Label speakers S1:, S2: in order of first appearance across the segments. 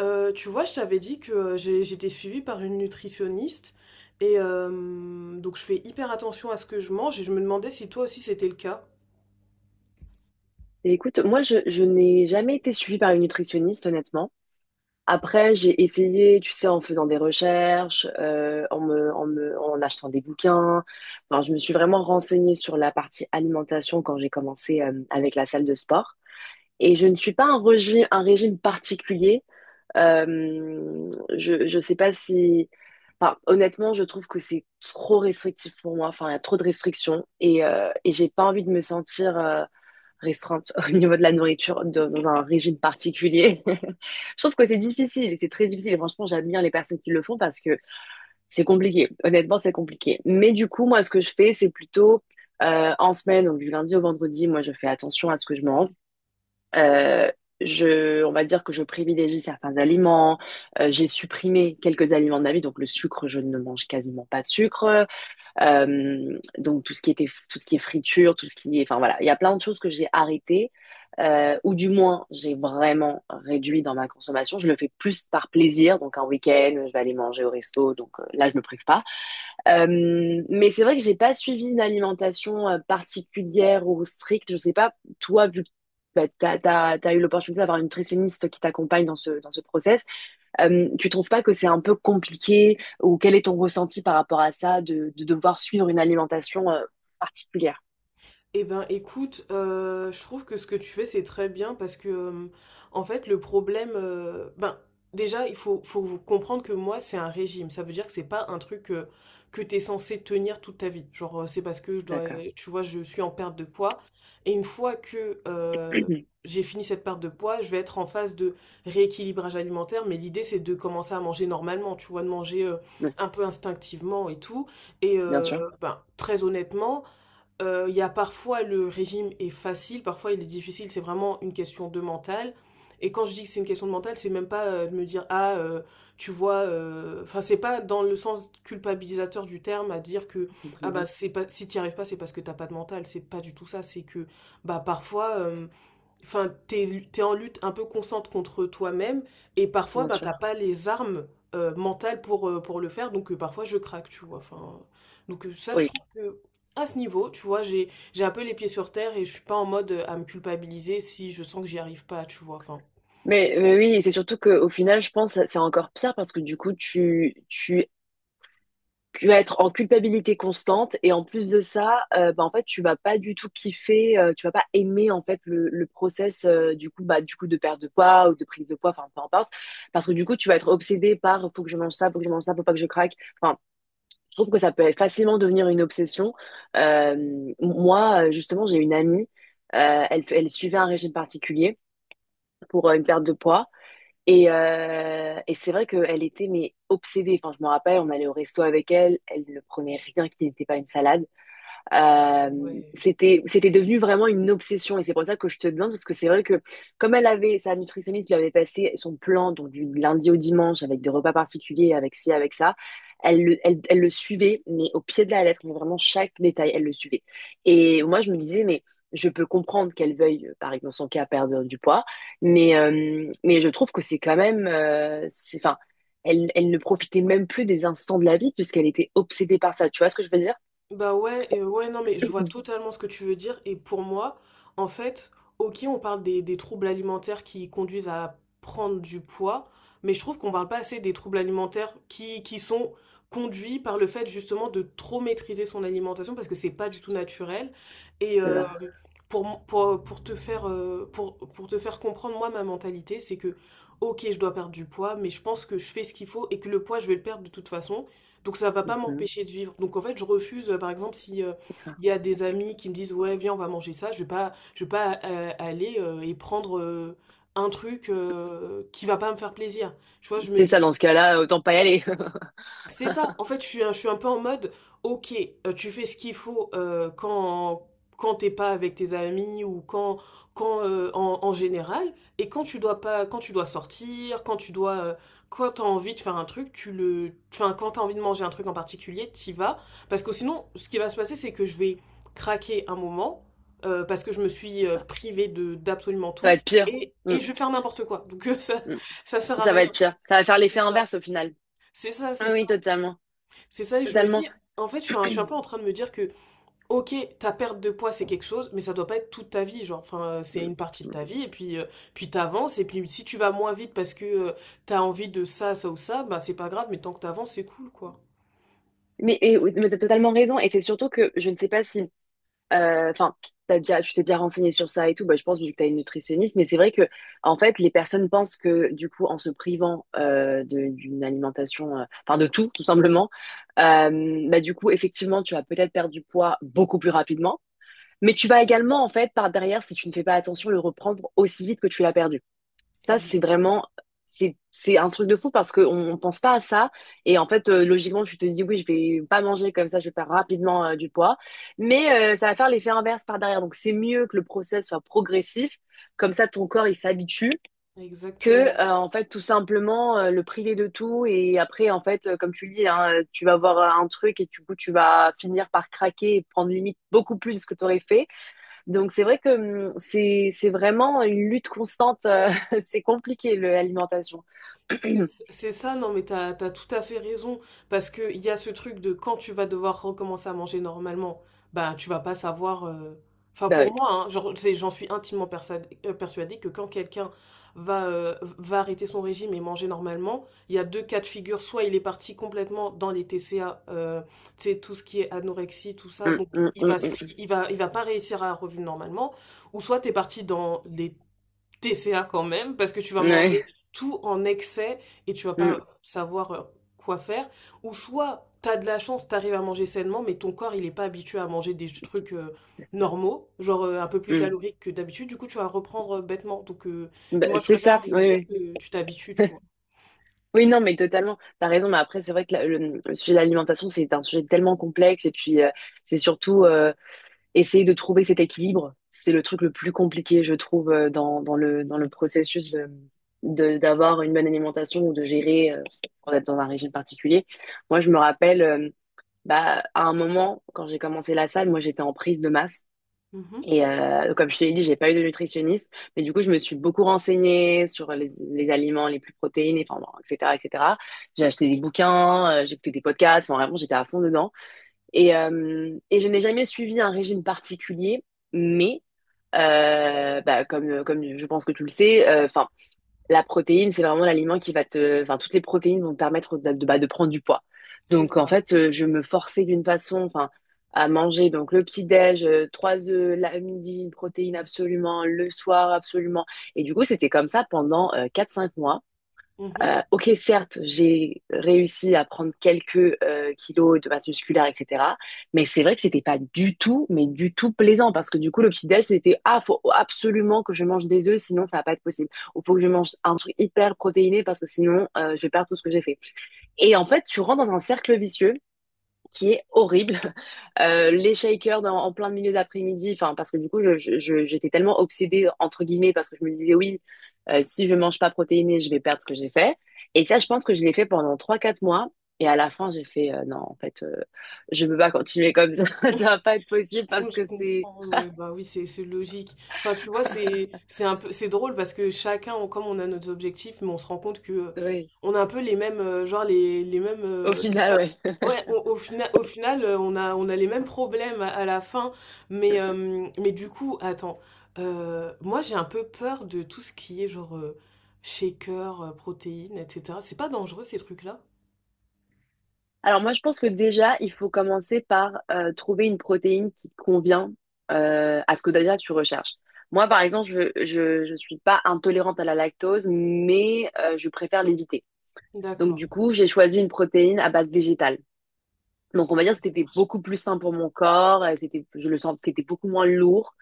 S1: Tu vois, je t'avais dit que j'étais suivie par une nutritionniste et donc je fais hyper attention à ce que je mange et je me demandais si toi aussi c'était le cas.
S2: Et écoute, moi, je n'ai jamais été suivie par une nutritionniste, honnêtement. Après, j'ai essayé, tu sais, en faisant des recherches, en achetant des bouquins. Enfin, je me suis vraiment renseignée sur la partie alimentation quand j'ai commencé, avec la salle de sport. Et je ne suis pas un régime particulier. Euh, je sais pas si, enfin, honnêtement, je trouve que c'est trop restrictif pour moi. Enfin, il y a trop de restrictions et j'ai pas envie de me sentir restreinte au niveau de la nourriture dans un régime particulier. Je trouve que c'est difficile, c'est très difficile. Et franchement, j'admire les personnes qui le font parce que c'est compliqué. Honnêtement, c'est compliqué. Mais du coup, moi, ce que je fais, c'est plutôt en semaine, donc du lundi au vendredi, moi, je fais attention à ce que je mange. Euh, on va dire que je privilégie certains aliments. J'ai supprimé quelques aliments de ma vie, donc le sucre, je ne mange quasiment pas de sucre. Donc tout ce qui est friture, tout ce qui est, enfin voilà, il y a plein de choses que j'ai arrêtées ou du moins j'ai vraiment réduit dans ma consommation. Je le fais plus par plaisir, donc un week-end, je vais aller manger au resto, donc là je me prive pas. Mais c'est vrai que j'ai pas suivi une alimentation particulière ou stricte. Je sais pas toi vu que bah, t'as eu l'opportunité d'avoir une nutritionniste qui t'accompagne dans ce process. Tu trouves pas que c'est un peu compliqué ou quel est ton ressenti par rapport à ça de devoir suivre une alimentation particulière?
S1: Eh ben, écoute, je trouve que ce que tu fais, c'est très bien parce que, en fait, le problème, ben, déjà, il faut comprendre que moi, c'est un régime. Ça veut dire que c'est pas un truc que tu es censé tenir toute ta vie. Genre, c'est parce que je dois,
S2: D'accord.
S1: tu vois, je suis en perte de poids. Et une fois que j'ai fini cette perte de poids, je vais être en phase de rééquilibrage alimentaire. Mais l'idée, c'est de commencer à manger normalement, tu vois, de manger
S2: Oui,
S1: un peu instinctivement et tout. Et,
S2: bien sûr.
S1: ben, très honnêtement, il y a parfois le régime est facile, parfois il est difficile, c'est vraiment une question de mental. Et quand je dis que c'est une question de mental, c'est même pas de me dire ah tu vois, enfin c'est pas dans le sens culpabilisateur du terme à dire que
S2: Mhm.
S1: ah bah
S2: Mhm.
S1: c'est pas si t'y arrives pas c'est parce que t'as pas de mental, c'est pas du tout ça, c'est que bah parfois enfin, t'es en lutte un peu constante contre toi-même et parfois,
S2: Bien
S1: ben, t'as
S2: sûr.
S1: pas les armes mentales pour le faire. Donc, parfois, je craque, tu vois. Enfin, donc, ça, je
S2: Oui.
S1: trouve que à ce niveau, tu vois, j'ai un peu les pieds sur terre et je suis pas en mode à me culpabiliser si je sens que j'y arrive pas, tu vois. Enfin,
S2: Mais oui, et c'est surtout qu'au final, je pense que c'est encore pire parce que du coup, tu vas être en culpabilité constante et en plus de ça, bah, en fait, tu vas pas du tout kiffer, tu vas pas aimer en fait le process du coup de perte de poids ou de prise de poids, enfin peu importe, parce que du coup tu vas être obsédé par faut que je mange ça, faut que je mange ça, faut pas que je craque. Enfin, je trouve que ça peut facilement devenir une obsession. Euh, Moi, justement, j'ai une amie, elle suivait un régime particulier pour une perte de poids. Et c'est vrai qu'elle était mais obsédée. Enfin, je me rappelle, on allait au resto avec elle, elle ne prenait rien qui n'était pas une salade. Euh,
S1: ouais.
S2: C'était devenu vraiment une obsession et c'est pour ça que je te demande parce que c'est vrai que comme elle avait sa nutritionniste lui avait passé son plan donc du lundi au dimanche avec des repas particuliers avec ci avec ça, elle le suivait mais au pied de la lettre mais vraiment chaque détail elle le suivait et moi je me disais mais je peux comprendre qu'elle veuille par exemple dans son cas perdre du poids mais je trouve que c'est quand même c'est enfin elle ne profitait même plus des instants de la vie puisqu'elle était obsédée par ça tu vois ce que je veux
S1: Bah ouais, et ouais, non, mais je vois totalement ce que tu veux dire. Et pour moi, en fait, ok, on parle des troubles alimentaires qui conduisent à prendre du poids, mais je trouve qu'on parle pas assez des troubles alimentaires qui sont conduits par le fait justement de trop maîtriser son alimentation parce que c'est pas du tout naturel. Et
S2: dire?
S1: pour te faire comprendre, moi, ma mentalité, c'est que, ok, je dois perdre du poids, mais je pense que je fais ce qu'il faut et que le poids, je vais le perdre de toute façon. Donc ça va pas
S2: Mhm.
S1: m'empêcher de vivre. Donc en fait, je refuse, par exemple, si
S2: C'est ça.
S1: il y a des amis qui me disent ouais, viens, on va manger ça, je vais pas aller et prendre un truc qui va pas me faire plaisir. Tu vois, je me
S2: C'est ça,
S1: dis
S2: dans ce cas-là, autant pas y aller.
S1: c'est ça. En fait, je suis un peu en mode, ok, tu fais ce qu'il faut quand t'es pas avec tes amis ou quand en général, et quand tu dois pas, quand tu dois sortir, quand t'as envie de faire un truc, enfin, quand t'as envie de manger un truc en particulier, t'y vas, parce que sinon, ce qui va se passer, c'est que je vais craquer un moment, parce que je me suis
S2: C'est ça.
S1: privée de d'absolument
S2: Ça va
S1: tout
S2: être pire.
S1: et,
S2: Mm,
S1: et je vais faire n'importe quoi. Donc ça
S2: mm.
S1: ça sert à
S2: Ça va
S1: rien.
S2: être pire. Ça va faire
S1: C'est
S2: l'effet
S1: ça.
S2: inverse au final.
S1: C'est ça, c'est
S2: Ah
S1: ça.
S2: oui, totalement.
S1: C'est ça, et je me
S2: Totalement.
S1: dis, en fait, je suis un peu en train de me dire que, ok, ta perte de poids, c'est quelque chose, mais ça doit pas être toute ta vie. Genre, enfin, c'est
S2: Mm,
S1: une partie de
S2: mm.
S1: ta vie, et puis, puis t'avances, et puis si tu vas moins vite parce que tu t'as envie de ça, ça ou ça, bah c'est pas grave, mais tant que t'avances, c'est cool, quoi.
S2: Mais, oui, mais t'as totalement raison. Et c'est surtout que je ne sais pas si, enfin, tu t'es déjà renseigné sur ça et tout. Bah, je pense vu que tu as une nutritionniste, mais c'est vrai que en fait, les personnes pensent que du coup, en se privant d'une alimentation, enfin de tout, tout simplement, bah du coup, effectivement, tu vas peut-être perdre du poids beaucoup plus rapidement, mais tu vas également en fait par derrière, si tu ne fais pas attention, le reprendre aussi vite que tu l'as perdu. Ça,
S1: Ex-
S2: c'est un truc de fou parce qu'on ne pense pas à ça. Et en fait, logiquement, tu te dis, oui, je vais pas manger comme ça, je vais perdre rapidement du poids. Mais ça va faire l'effet inverse par derrière. Donc, c'est mieux que le process soit progressif. Comme ça, ton corps, il s'habitue que,
S1: Exactement.
S2: en fait, tout simplement, le priver de tout. Et après, en fait, comme tu le dis, hein, tu vas avoir un truc et du coup, tu vas finir par craquer et prendre limite beaucoup plus de ce que tu aurais fait. Donc c'est vrai que c'est vraiment une lutte constante. C'est compliqué le l'alimentation.
S1: C'est c'est ça, non mais t'as tout à fait raison, parce que il y a ce truc de quand tu vas devoir recommencer à manger normalement, bah tu vas pas savoir, enfin
S2: Bah
S1: pour
S2: oui.
S1: moi, hein, genre, j'en suis intimement persuadée que quand quelqu'un va, va arrêter son régime et manger normalement, il y a deux cas de figure, soit il est parti complètement dans les TCA, tu sais, tout ce qui est anorexie, tout ça, donc il va, se
S2: Hum.
S1: pri- il va pas réussir à revenir normalement, ou soit t'es parti dans les TCA quand même, parce que tu vas
S2: Ouais.
S1: manger tout en excès et tu vas
S2: Hum,
S1: pas savoir quoi faire. Ou soit t'as de la chance, t'arrives à manger sainement, mais ton corps il est pas habitué à manger des trucs normaux, genre un peu plus
S2: hum.
S1: caloriques que d'habitude, du coup tu vas reprendre bêtement. Donc
S2: Bah,
S1: moi je
S2: c'est ça.
S1: préfère me dire
S2: Oui,
S1: que tu t'habitues, tu
S2: oui.
S1: vois.
S2: Oui, non, mais totalement. T'as raison. Mais après, c'est vrai que le sujet de l'alimentation, c'est un sujet tellement complexe. Et puis, c'est surtout essayer de trouver cet équilibre. C'est le truc le plus compliqué, je trouve, dans le processus d'avoir une bonne alimentation ou de gérer, quand on est dans un régime particulier. Moi, je me rappelle. Bah, à un moment, quand j'ai commencé la salle, moi, j'étais en prise de masse.
S1: Mhm,
S2: Et comme je te l'ai dit, j'ai pas eu de nutritionniste. Mais du coup, je me suis beaucoup renseignée sur les aliments les plus protéinés, enfin, bon, etc., etc. J'ai acheté des bouquins, j'ai écouté des podcasts. Enfin, vraiment, j'étais à fond dedans. Et je n'ai jamais suivi un régime particulier. Mais, bah, comme je pense que tu le sais, enfin, la protéine, c'est vraiment l'aliment qui va te — enfin, toutes les protéines vont te permettre bah, de prendre du poids.
S1: c'est
S2: Donc, en
S1: ça.
S2: fait, je me forçais d'une façon, enfin, à manger donc le petit-déj, trois œufs, la midi, une protéine absolument, le soir absolument. Et du coup, c'était comme ça pendant 4-5 mois.
S1: Mhm.
S2: Ok, certes, j'ai réussi à prendre quelques kilos de masse musculaire, etc. Mais c'est vrai que c'était pas du tout, mais du tout plaisant parce que du coup, le petit déj, c'était ah, faut absolument que je mange des œufs, sinon ça va pas être possible. Ou faut que je mange un truc hyper protéiné parce que sinon je vais perdre tout ce que j'ai fait. Et en fait, tu rentres dans un cercle vicieux qui est horrible. Les shakers en plein milieu d'après-midi, enfin parce que du coup j'étais tellement obsédée entre guillemets parce que je me disais oui, si je mange pas protéiné, je vais perdre ce que j'ai fait. Et ça, je pense que je l'ai fait pendant 3-4 mois. Et à la fin, j'ai fait non, en fait, je peux pas continuer comme ça. Ça va pas être
S1: Je,
S2: possible
S1: com-
S2: parce
S1: je
S2: que c'est,
S1: comprends, ouais, ouais, bah oui, c'est logique. Enfin, tu vois, c'est un peu, c'est drôle parce que chacun, comme on a nos objectifs, mais on se rend compte que
S2: oui,
S1: on a un peu les mêmes, genre les mêmes,
S2: au
S1: c'est
S2: final,
S1: pas,
S2: oui.
S1: ouais. Au final, on a les mêmes problèmes à la fin, mais euh, mais du coup, attends, moi j'ai un peu peur de tout ce qui est genre shaker, protéines, etc. C'est pas dangereux ces trucs-là?
S2: Alors moi, je pense que déjà, il faut commencer par trouver une protéine qui convient à ce que déjà tu recherches. Moi, par exemple, je suis pas intolérante à la lactose, mais je préfère l'éviter. Donc
S1: D'accord,
S2: du coup, j'ai choisi une protéine à base végétale. Donc on va
S1: ok,
S2: dire que
S1: ça
S2: c'était
S1: marche.
S2: beaucoup plus sain pour mon corps, je le sens, c'était beaucoup moins lourd.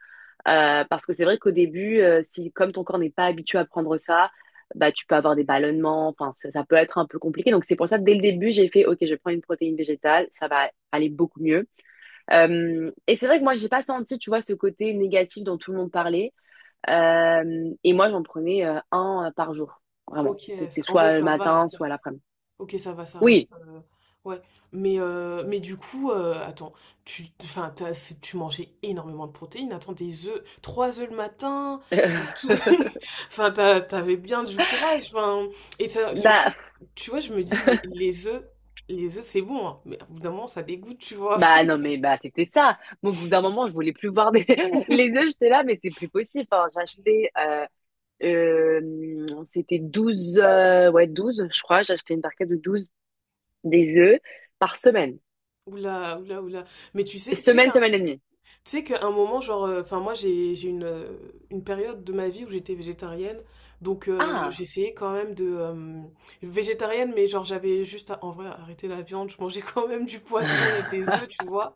S2: Parce que c'est vrai qu'au début, si comme ton corps n'est pas habitué à prendre ça, bah tu peux avoir des ballonnements, enfin ça peut être un peu compliqué. Donc c'est pour ça que dès le début, j'ai fait OK, je prends une protéine végétale, ça va aller beaucoup mieux. Et c'est vrai que moi j'ai pas senti, tu vois, ce côté négatif dont tout le monde parlait. Et moi j'en prenais un par jour, vraiment.
S1: Ok,
S2: C'était
S1: en fait
S2: soit le
S1: ça va,
S2: matin, soit l'après-midi.
S1: ok ça va, ça reste,
S2: Oui.
S1: ouais. Mais du coup, attends, enfin tu mangeais énormément de protéines. Attends, des œufs, trois œufs le matin et tout. Enfin t'avais bien du courage. Enfin et ça surtout,
S2: Bah,
S1: tu vois, je me dis les œufs, les œufs c'est bon, hein, mais au bout d'un moment ça dégoûte, tu vois.
S2: bah non mais bah c'était ça. Moi, au bout d'un moment, je voulais plus voir des les œufs, j'étais là, mais c'est plus possible. Enfin, j'achetais c'était 12 ouais, 12 je crois. J'ai acheté une barquette de 12 des œufs par semaine.
S1: Oula, oula, oula. Mais tu sais,
S2: Semaine, semaine et demie.
S1: tu sais qu'à un moment, genre, enfin moi j'ai une période de ma vie où j'étais végétarienne, donc
S2: Ah,
S1: j'essayais quand même de végétarienne, mais genre j'avais juste à, en vrai arrêter la viande, je mangeais quand même du poisson et des œufs, tu vois.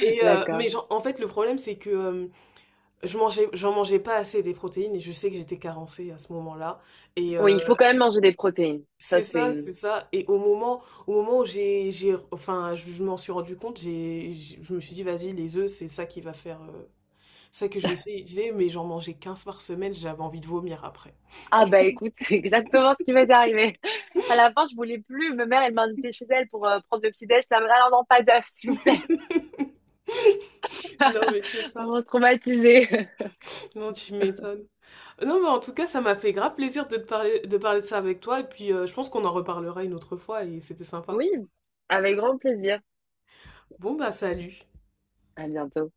S1: Et mais
S2: d'accord.
S1: genre, en fait le problème c'est que j'en mangeais pas assez des protéines et je sais que j'étais carencée à ce moment-là. Et
S2: Oui,
S1: euh,
S2: il faut quand même manger des protéines. Ça,
S1: c'est
S2: c'est —
S1: ça, c'est ça. Et au moment où enfin, je m'en suis rendu compte, je me suis dit, vas-y, les œufs, c'est ça qui va faire, ça que je vais essayer. Je disais, mais j'en mangeais 15 par semaine, j'avais envie de vomir après.
S2: Ah bah écoute, c'est exactement ce qui m'est arrivé. À la fin, je voulais plus. Ma mère, elle m'a invitée chez elle pour prendre le petit déj. Elle m'a dit, « Ah non, non, pas d'œufs, s'il vous plaît. »
S1: Non, mais c'est
S2: On
S1: ça.
S2: m'a traumatisée.
S1: Non, tu m'étonnes. Non, mais en tout cas, ça m'a fait grave plaisir de te parler de ça avec toi. Et puis, je pense qu'on en reparlera une autre fois et c'était sympa.
S2: Oui, avec grand plaisir.
S1: Bon, bah, salut.
S2: À bientôt.